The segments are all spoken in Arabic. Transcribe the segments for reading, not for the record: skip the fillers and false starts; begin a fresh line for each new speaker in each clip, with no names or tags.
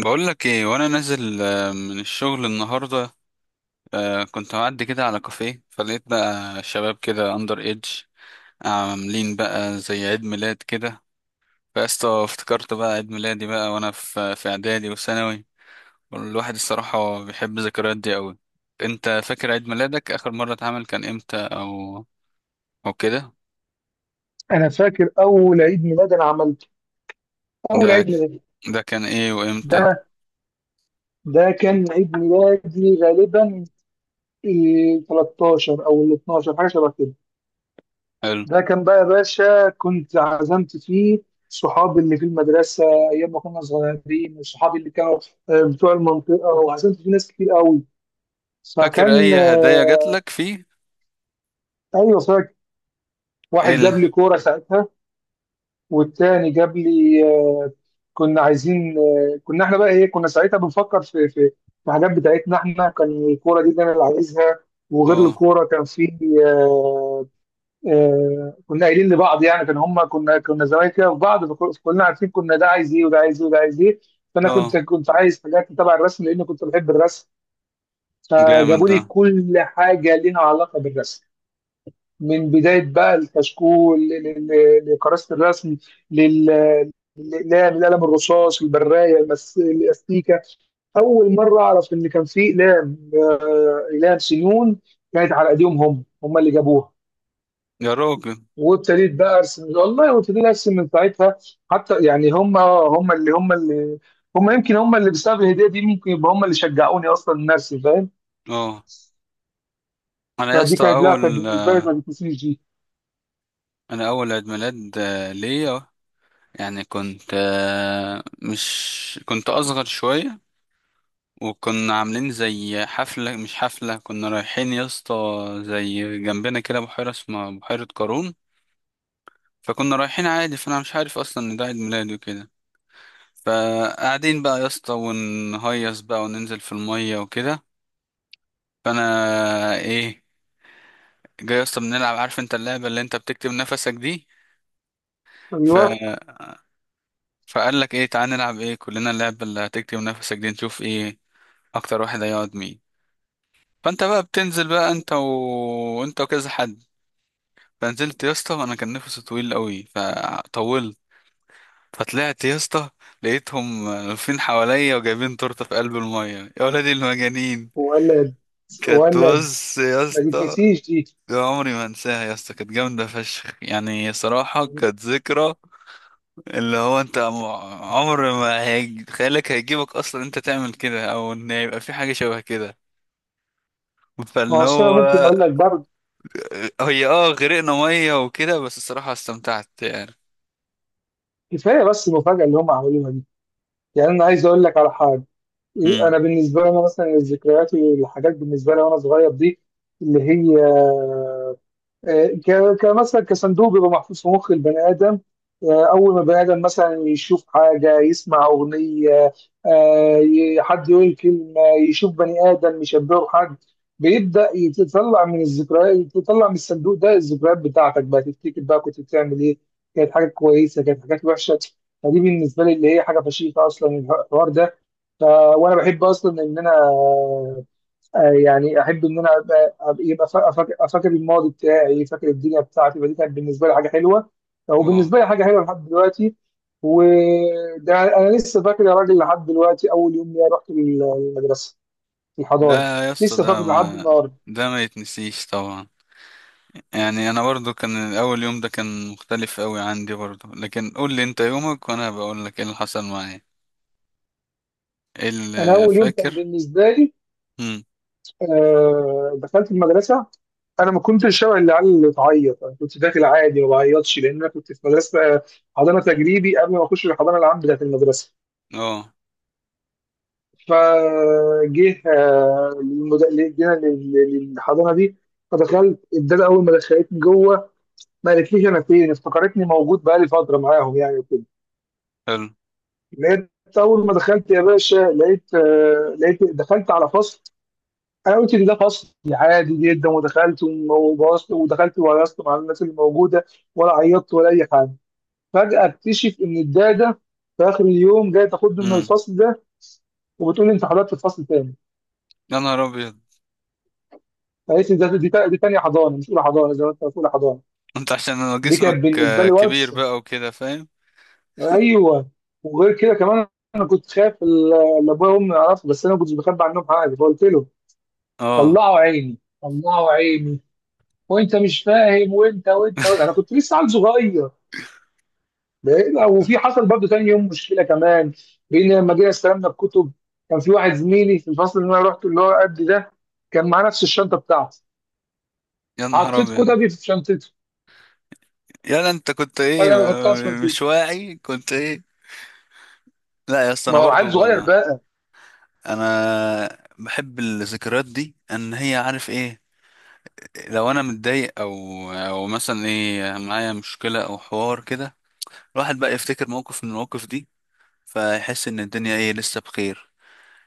بقول لك ايه وانا نازل من الشغل النهارده. كنت معدي كده على كافيه، فلقيت بقى شباب كده اندر ايدج عاملين بقى زي عيد ميلاد كده. فاستا افتكرت بقى عيد ميلادي بقى وانا في اعدادي وثانوي. الواحد الصراحه بيحب الذكريات دي قوي. انت فاكر عيد ميلادك اخر مره اتعمل كان امتى او او كده؟
انا فاكر اول عيد ميلاد انا عملته. اول
ده
عيد ميلاد،
ده كان ايه
ده
وامتى؟
ده كان عيد ميلادي غالبا، إيه 13 او ال 12، حاجه شبه كده.
حلو.
ده كان بقى يا باشا، كنت عزمت فيه صحابي اللي في المدرسه ايام ما كنا صغيرين، وصحابي اللي كانوا بتوع المنطقه، وعزمت فيه ناس كتير قوي.
فاكر
فكان
اي هدايا جات
آه،
لك فيه؟
ايوه فاكر، واحد
ايه ال-؟
جاب لي كوره ساعتها، والتاني جاب لي كنا عايزين، كنا احنا بقى ايه، كنا ساعتها بنفكر في حاجات بتاعتنا احنا. كان الكوره دي اللي انا اللي عايزها، وغير
اه.
الكوره كان في. آه، كنا قايلين لبعض يعني. كان هم، كنا زمان كده في بعض، فكلنا عارفين كنا ده عايز ايه وده عايز ايه وده عايز ايه. فانا كنت
اه،
كنت عايز حاجات تبع الرسم، لان كنت بحب الرسم.
جامد
فجابوا
ده.
لي كل حاجه ليها علاقه بالرسم، من بدايه بقى الكشكول لكراسه الرسم، لل- للاقلام، القلم الرصاص، البرايه، الاستيكه. اول مره اعرف ان كان في اقلام، اقلام سنون. كانت على ايديهم، هم اللي جابوها.
يا راجل.
وابتديت بقى ارسم والله، وابتديت ارسم من ساعتها. حتى يعني، هم يمكن هم اللي بسبب الهديه دي، ممكن يبقى هم اللي شجعوني اصلا ان ارسم، فاهم.
اه. انا يا
فدي
اسطى
كانت، لا كانت
اول،
بالنسبه لي ما بتنسيش دي.
انا اول عيد ميلاد ليا، يعني كنت مش كنت اصغر شويه، وكنا عاملين زي حفله، مش حفله، كنا رايحين يا اسطى زي جنبنا كده بحيره اسمها بحيره قارون. فكنا رايحين عادي، فانا مش عارف اصلا ان ده عيد ميلادي وكده. فقاعدين بقى يا اسطى ونهيص بقى وننزل في الميه وكده. فانا آه، ايه جاي يا اسطى بنلعب، عارف انت اللعبه اللي انت بتكتب نفسك دي. ف،
ايوه.
فقال لك ايه، تعالى نلعب ايه كلنا، اللعبة اللي هتكتم نفسك دي، نشوف ايه اكتر واحد هيقعد مين. فانت بقى بتنزل بقى انت و... انت وكذا حد. فنزلت يا اسطى وانا كان نفسي طويل قوي فطولت، فطلعت يا اسطى لقيتهم واقفين حواليا وجايبين تورته في قلب الميه، يا ولادي المجانين.
ولد
كانت،
ولد،
بص يا
ما
اسطى،
تتنسيش دي.
عمري ما انساها يا اسطى، كانت جامده فشخ، يعني صراحه كانت ذكرى. اللي هو انت عمر ما هيج... خيالك هيجيبك اصلا انت تعمل كده، او ان يبقى في حاجه شبه كده.
ما هو
فاللي
أصل أنا
هو
ممكن اقول لك برضه،
هي اه، غرقنا ميه وكده، بس الصراحه استمتعت يعني.
كفايه بس المفاجاه اللي هم عملوها دي. يعني انا عايز اقول لك على حاجه. إيه، انا
امم.
بالنسبه لي، انا مثلا الذكريات والحاجات بالنسبه لي وانا صغير دي، اللي هي كمثلا كصندوق بيبقى محفوظ في مخ البني ادم. اول ما البني ادم مثلا يشوف حاجه، يسمع اغنيه، حد يقول كلمه، يشوف بني ادم يشبهه بحد، بيبدا يطلع من الذكريات، يطلع من الصندوق ده الذكريات بتاعتك، بقى تفتكر بقى كنت بتعمل ايه. كانت حاجات كويسه، كانت حاجات وحشه. فدي بالنسبه لي اللي هي حاجه فشيخه اصلا الحوار ده. ف... وانا بحب اصلا ان انا، يعني احب ان انا يبقى فاكر فاكر الماضي بتاعي، فاكر الدنيا بتاعتي. فدي كانت بالنسبه لي حاجه حلوه، او
اه.
بالنسبه لي حاجه حلوه لحد دلوقتي. وده انا لسه فاكر يا راجل لحد دلوقتي، اول يوم ليا رحت المدرسه،
ده
الحضانه،
يا اسطى
لسه
ده
فاكر لحد
ما،
النهارده.
ده ما يتنسيش طبعا. يعني انا برضو كان اول يوم ده كان مختلف قوي عندي برضو، لكن قول لي انت يومك وانا بقول لك ايه اللي حصل معايا، ايه
انا
اللي
اول يوم كان
فاكر.
بالنسبه لي،
امم.
دخلت المدرسه. انا ما كنتش شبه العيال اللي تعيط، انا كنت داخل عادي ما بعيطش، لان انا كنت في مدرسه حضانه تجريبي قبل ما اخش الحضانه العام بتاعت المدرسه.
اه.
فجه آه، للمد... ل- جينا للحضانه دي. فدخلت الداده، اول ما دخلتني جوه، ما قالتليش انا فين، افتكرتني موجود بقالي فتره معاهم يعني، وكده.
حلو.
لقيت اول ما دخلت يا باشا، لقيت دخلت على فصل. انا قلت إن ده فصل عادي جدا، ودخلت وبوظت، ودخلت وهيصت مع الناس اللي موجوده، ولا عيطت ولا اي حاجه. فجاه اكتشف ان الداده في اخر اليوم جايه تاخدني من
امم.
الفصل ده، وبتقول لي انت حضرت الفصل تاني.
يا نهار ابيض.
فقالت لي دي تانية حضانة مش أولى حضانة زي ما أنت قلت، أولى حضانة.
انت عشان انا
دي
جسمك
كانت بالنسبة لي
كبير
واتس.
بقى وكده، فاهم.
أيوه. وغير كده كمان، أنا كنت خايف اللي أبويا وأمي يعرفوا، بس أنا ما كنتش بخبي عنهم حاجة، فقلت له،
اه.
طلعوا عيني طلعوا عيني، وأنت مش فاهم، وأنت وأنت، وأنت. أنا كنت لسه عيل صغير. وفي حصل برضه تاني يوم مشكلة كمان، بإن لما جينا استلمنا الكتب، كان في واحد زميلي في الفصل اللي أنا رحت اللي هو قد ده، كان معاه نفس الشنطة بتاعتي.
يا نهار
حطيت
ابيض.
كتبي في شنطته،
يلا انت كنت ايه،
فأنا بحطها في شنطتي.
مش واعي كنت ايه. لا يا اسطى
ما
انا
هو
برضو
عيل صغير.
انا بحب الذكريات دي، ان هي، عارف ايه، لو انا متضايق او او مثلا ايه، معايا مشكلة او حوار كده، الواحد بقى يفتكر موقف من المواقف دي، فيحس ان الدنيا ايه، لسه بخير.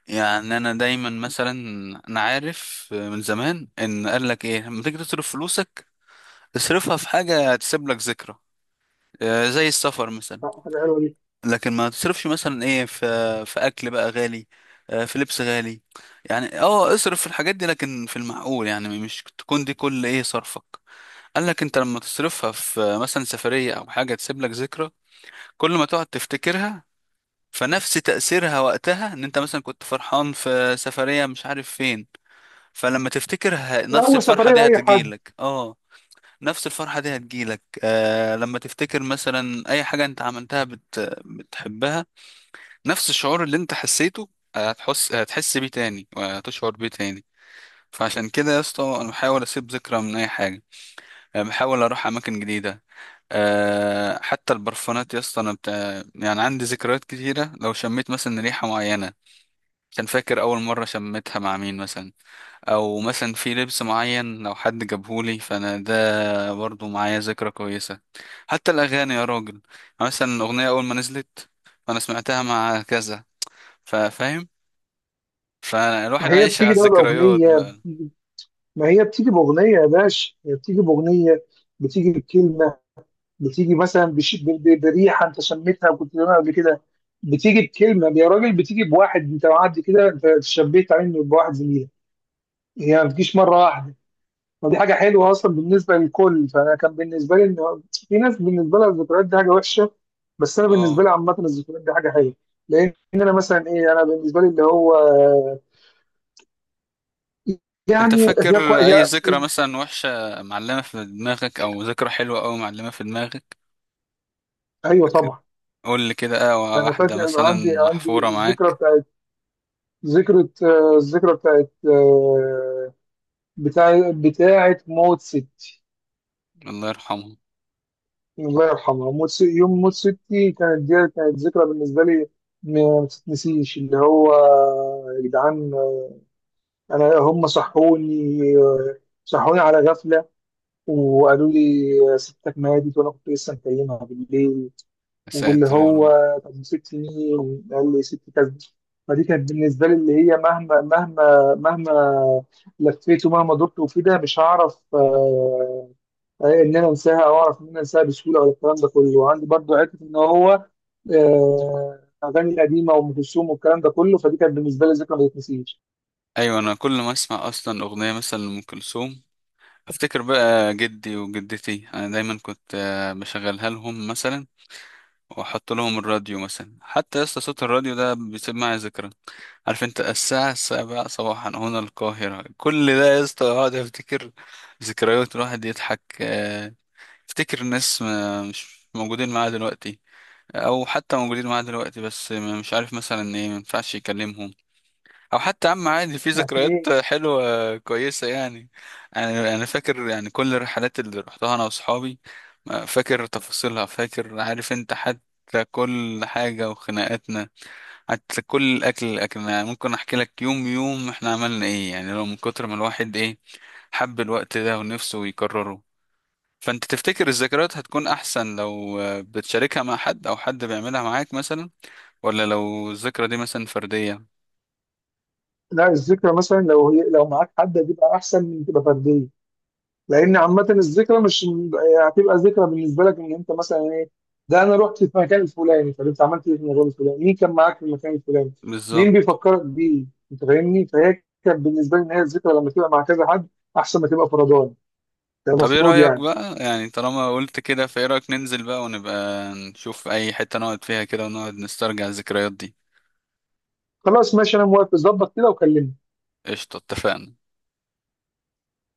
يعني انا دايما مثلا انا عارف من زمان ان قال لك ايه، لما تيجي تصرف فلوسك، تصرفها في حاجة هتسيب لك ذكرى، زي السفر مثلا.
لا، حاجة حلوة دي.
لكن ما تصرفش مثلا ايه في في اكل بقى غالي، في لبس غالي. يعني اه اصرف في الحاجات دي، لكن في المعقول، يعني مش تكون دي كل ايه صرفك. قال لك انت لما تصرفها في مثلا سفرية او حاجة تسيب لك ذكرى، كل ما تقعد تفتكرها، فنفس تأثيرها وقتها، ان انت مثلا كنت فرحان في سفرية مش عارف فين، فلما تفتكرها
لا،
نفس
أول
الفرحة
سفرية
دي
لأي حد.
هتجيلك. اه. نفس الفرحة دي هتجيلك آه لما تفتكر مثلا أي حاجة أنت عملتها بت... بتحبها. نفس الشعور اللي أنت حسيته هتحس بيه تاني وهتشعر بيه تاني. فعشان كده يا اسطى أنا بحاول أسيب ذكرى من أي حاجة، بحاول أروح أماكن جديدة. آه حتى البرفانات يا اسطى أنا بت... يعني عندي ذكريات كتيرة، لو شميت مثلا ريحة معينة كان فاكر أول مرة شميتها مع مين مثلا، أو مثلا في لبس معين لو حد جابهولي، فأنا ده برضه معايا ذكرى كويسة. حتى الأغاني يا راجل يعني، مثلا الأغنية أول ما نزلت، فأنا سمعتها مع كذا، فاهم.
ما
فالواحد
هي
عايش على
بتيجي بقى
الذكريات
بأغنية
بقى.
بتيجي- ما هي بتيجي بأغنية يا باشا، هي بتيجي بأغنية، بتيجي بكلمة، بتيجي مثلا بريحة أنت شميتها وكنت بتقولها قبل كده، بتيجي بكلمة يا راجل، بتيجي بواحد أنت معدي كده أنت شبيت منه بواحد زميلك. هي ما بتجيش مرة واحدة. ودي حاجة حلوة أصلا بالنسبة للكل، فأنا كان بالنسبة لي إن في ناس بالنسبة لها الذكريات دي حاجة وحشة. بس أنا بالنسبة
اه.
لي عامة الذكريات دي حاجة حلوة. لأن أنا مثلا إيه أنا بالنسبة لي اللي هو،
انت
يعني
فاكر أي
هي.
ذكرى مثلا وحشة معلمة في دماغك، أو ذكرى حلوة أوي معلمة في دماغك؟
ايوه طبعا.
قول لي كده، اه،
انا
واحدة
فاكر
مثلا
عندي
محفورة
الذكرى
معاك.
بتاعت بتاعت موت ستي.
الله يرحمه.
الله يرحمها. يوم موت ستي كانت، دي كانت ذكرى بالنسبه لي ما تتنسيش، اللي هو، يا جدعان، انا هم صحوني، صحوني على غفله، وقالوا لي ستك ماتت، وانا كنت لسه مكلمها بالليل.
يا
واللي
ساتر يا
هو
رب.
طب، 6 سنين قال لي ست كذا. فدي كانت بالنسبه لي اللي هي، مهما مهما مهما لفيت ومهما دورت وفي ده مش هعرف، ان انا انساها او اعرف ان انا انساها بسهوله، ولا الكلام ده كله. وعندي برضو حته ان هو اغاني قديمه وام كلثوم والكلام ده كله. فدي كانت بالنسبه لي ذكرى ما تتنسيش.
أيوة، أنا كل ما أسمع أصلا أغنية مثلا لأم كلثوم، افتكر بقى جدي وجدتي. انا دايما كنت بشغلها لهم مثلا، واحط لهم الراديو مثلا. حتى لسه صوت الراديو ده بيسيب معايا ذكرى، عارف انت الساعة السابعة صباحا هنا القاهرة، كل ده يا اسطى اقعد افتكر ذكريات الواحد يضحك. افتكر ناس مش موجودين معايا دلوقتي، او حتى موجودين معايا دلوقتي بس مش عارف مثلا ايه ما ينفعش يكلمهم. او حتى عم عادي، في
لكن
ذكريات
ايه.
حلوه كويسه يعني. انا فاكر يعني كل الرحلات اللي رحتها انا واصحابي، فاكر تفاصيلها، فاكر عارف انت حتى كل حاجه وخناقاتنا، حتى كل الاكل اللي اكلناه، ممكن احكي لك يوم يوم احنا عملنا ايه، يعني لو من كتر ما الواحد ايه، حب الوقت ده ونفسه يكرره. فانت تفتكر الذكريات هتكون احسن لو بتشاركها مع حد او حد بيعملها معاك مثلا، ولا لو الذكرى دي مثلا فرديه؟
لا، الذكرى مثلا لو هي، لو معاك حد دي بقى احسن من تبقى فرديه. لان عامه الذكرى مش يعني، هتبقى ذكرى بالنسبه لك ان انت مثلا ايه، ده انا رحت في مكان الفلاني، طب انت عملت ايه في المكان الفلاني، مين كان معاك في المكان الفلاني، مين
بالظبط.
بيفكرك بيه. انت فاهمني. فهي كانت بالنسبه لي ان هي الذكرى لما تبقى مع كذا حد احسن ما تبقى فردان، ده
طب ايه
المفروض
رأيك
يعني.
بقى، يعني طالما قلت كده، فايه رأيك ننزل بقى ونبقى نشوف اي حتة نقعد فيها كده ونقعد نسترجع الذكريات دي؟
خلاص ماشي انا موافق، ظبط كده وكلمني.
قشطة، اتفقنا.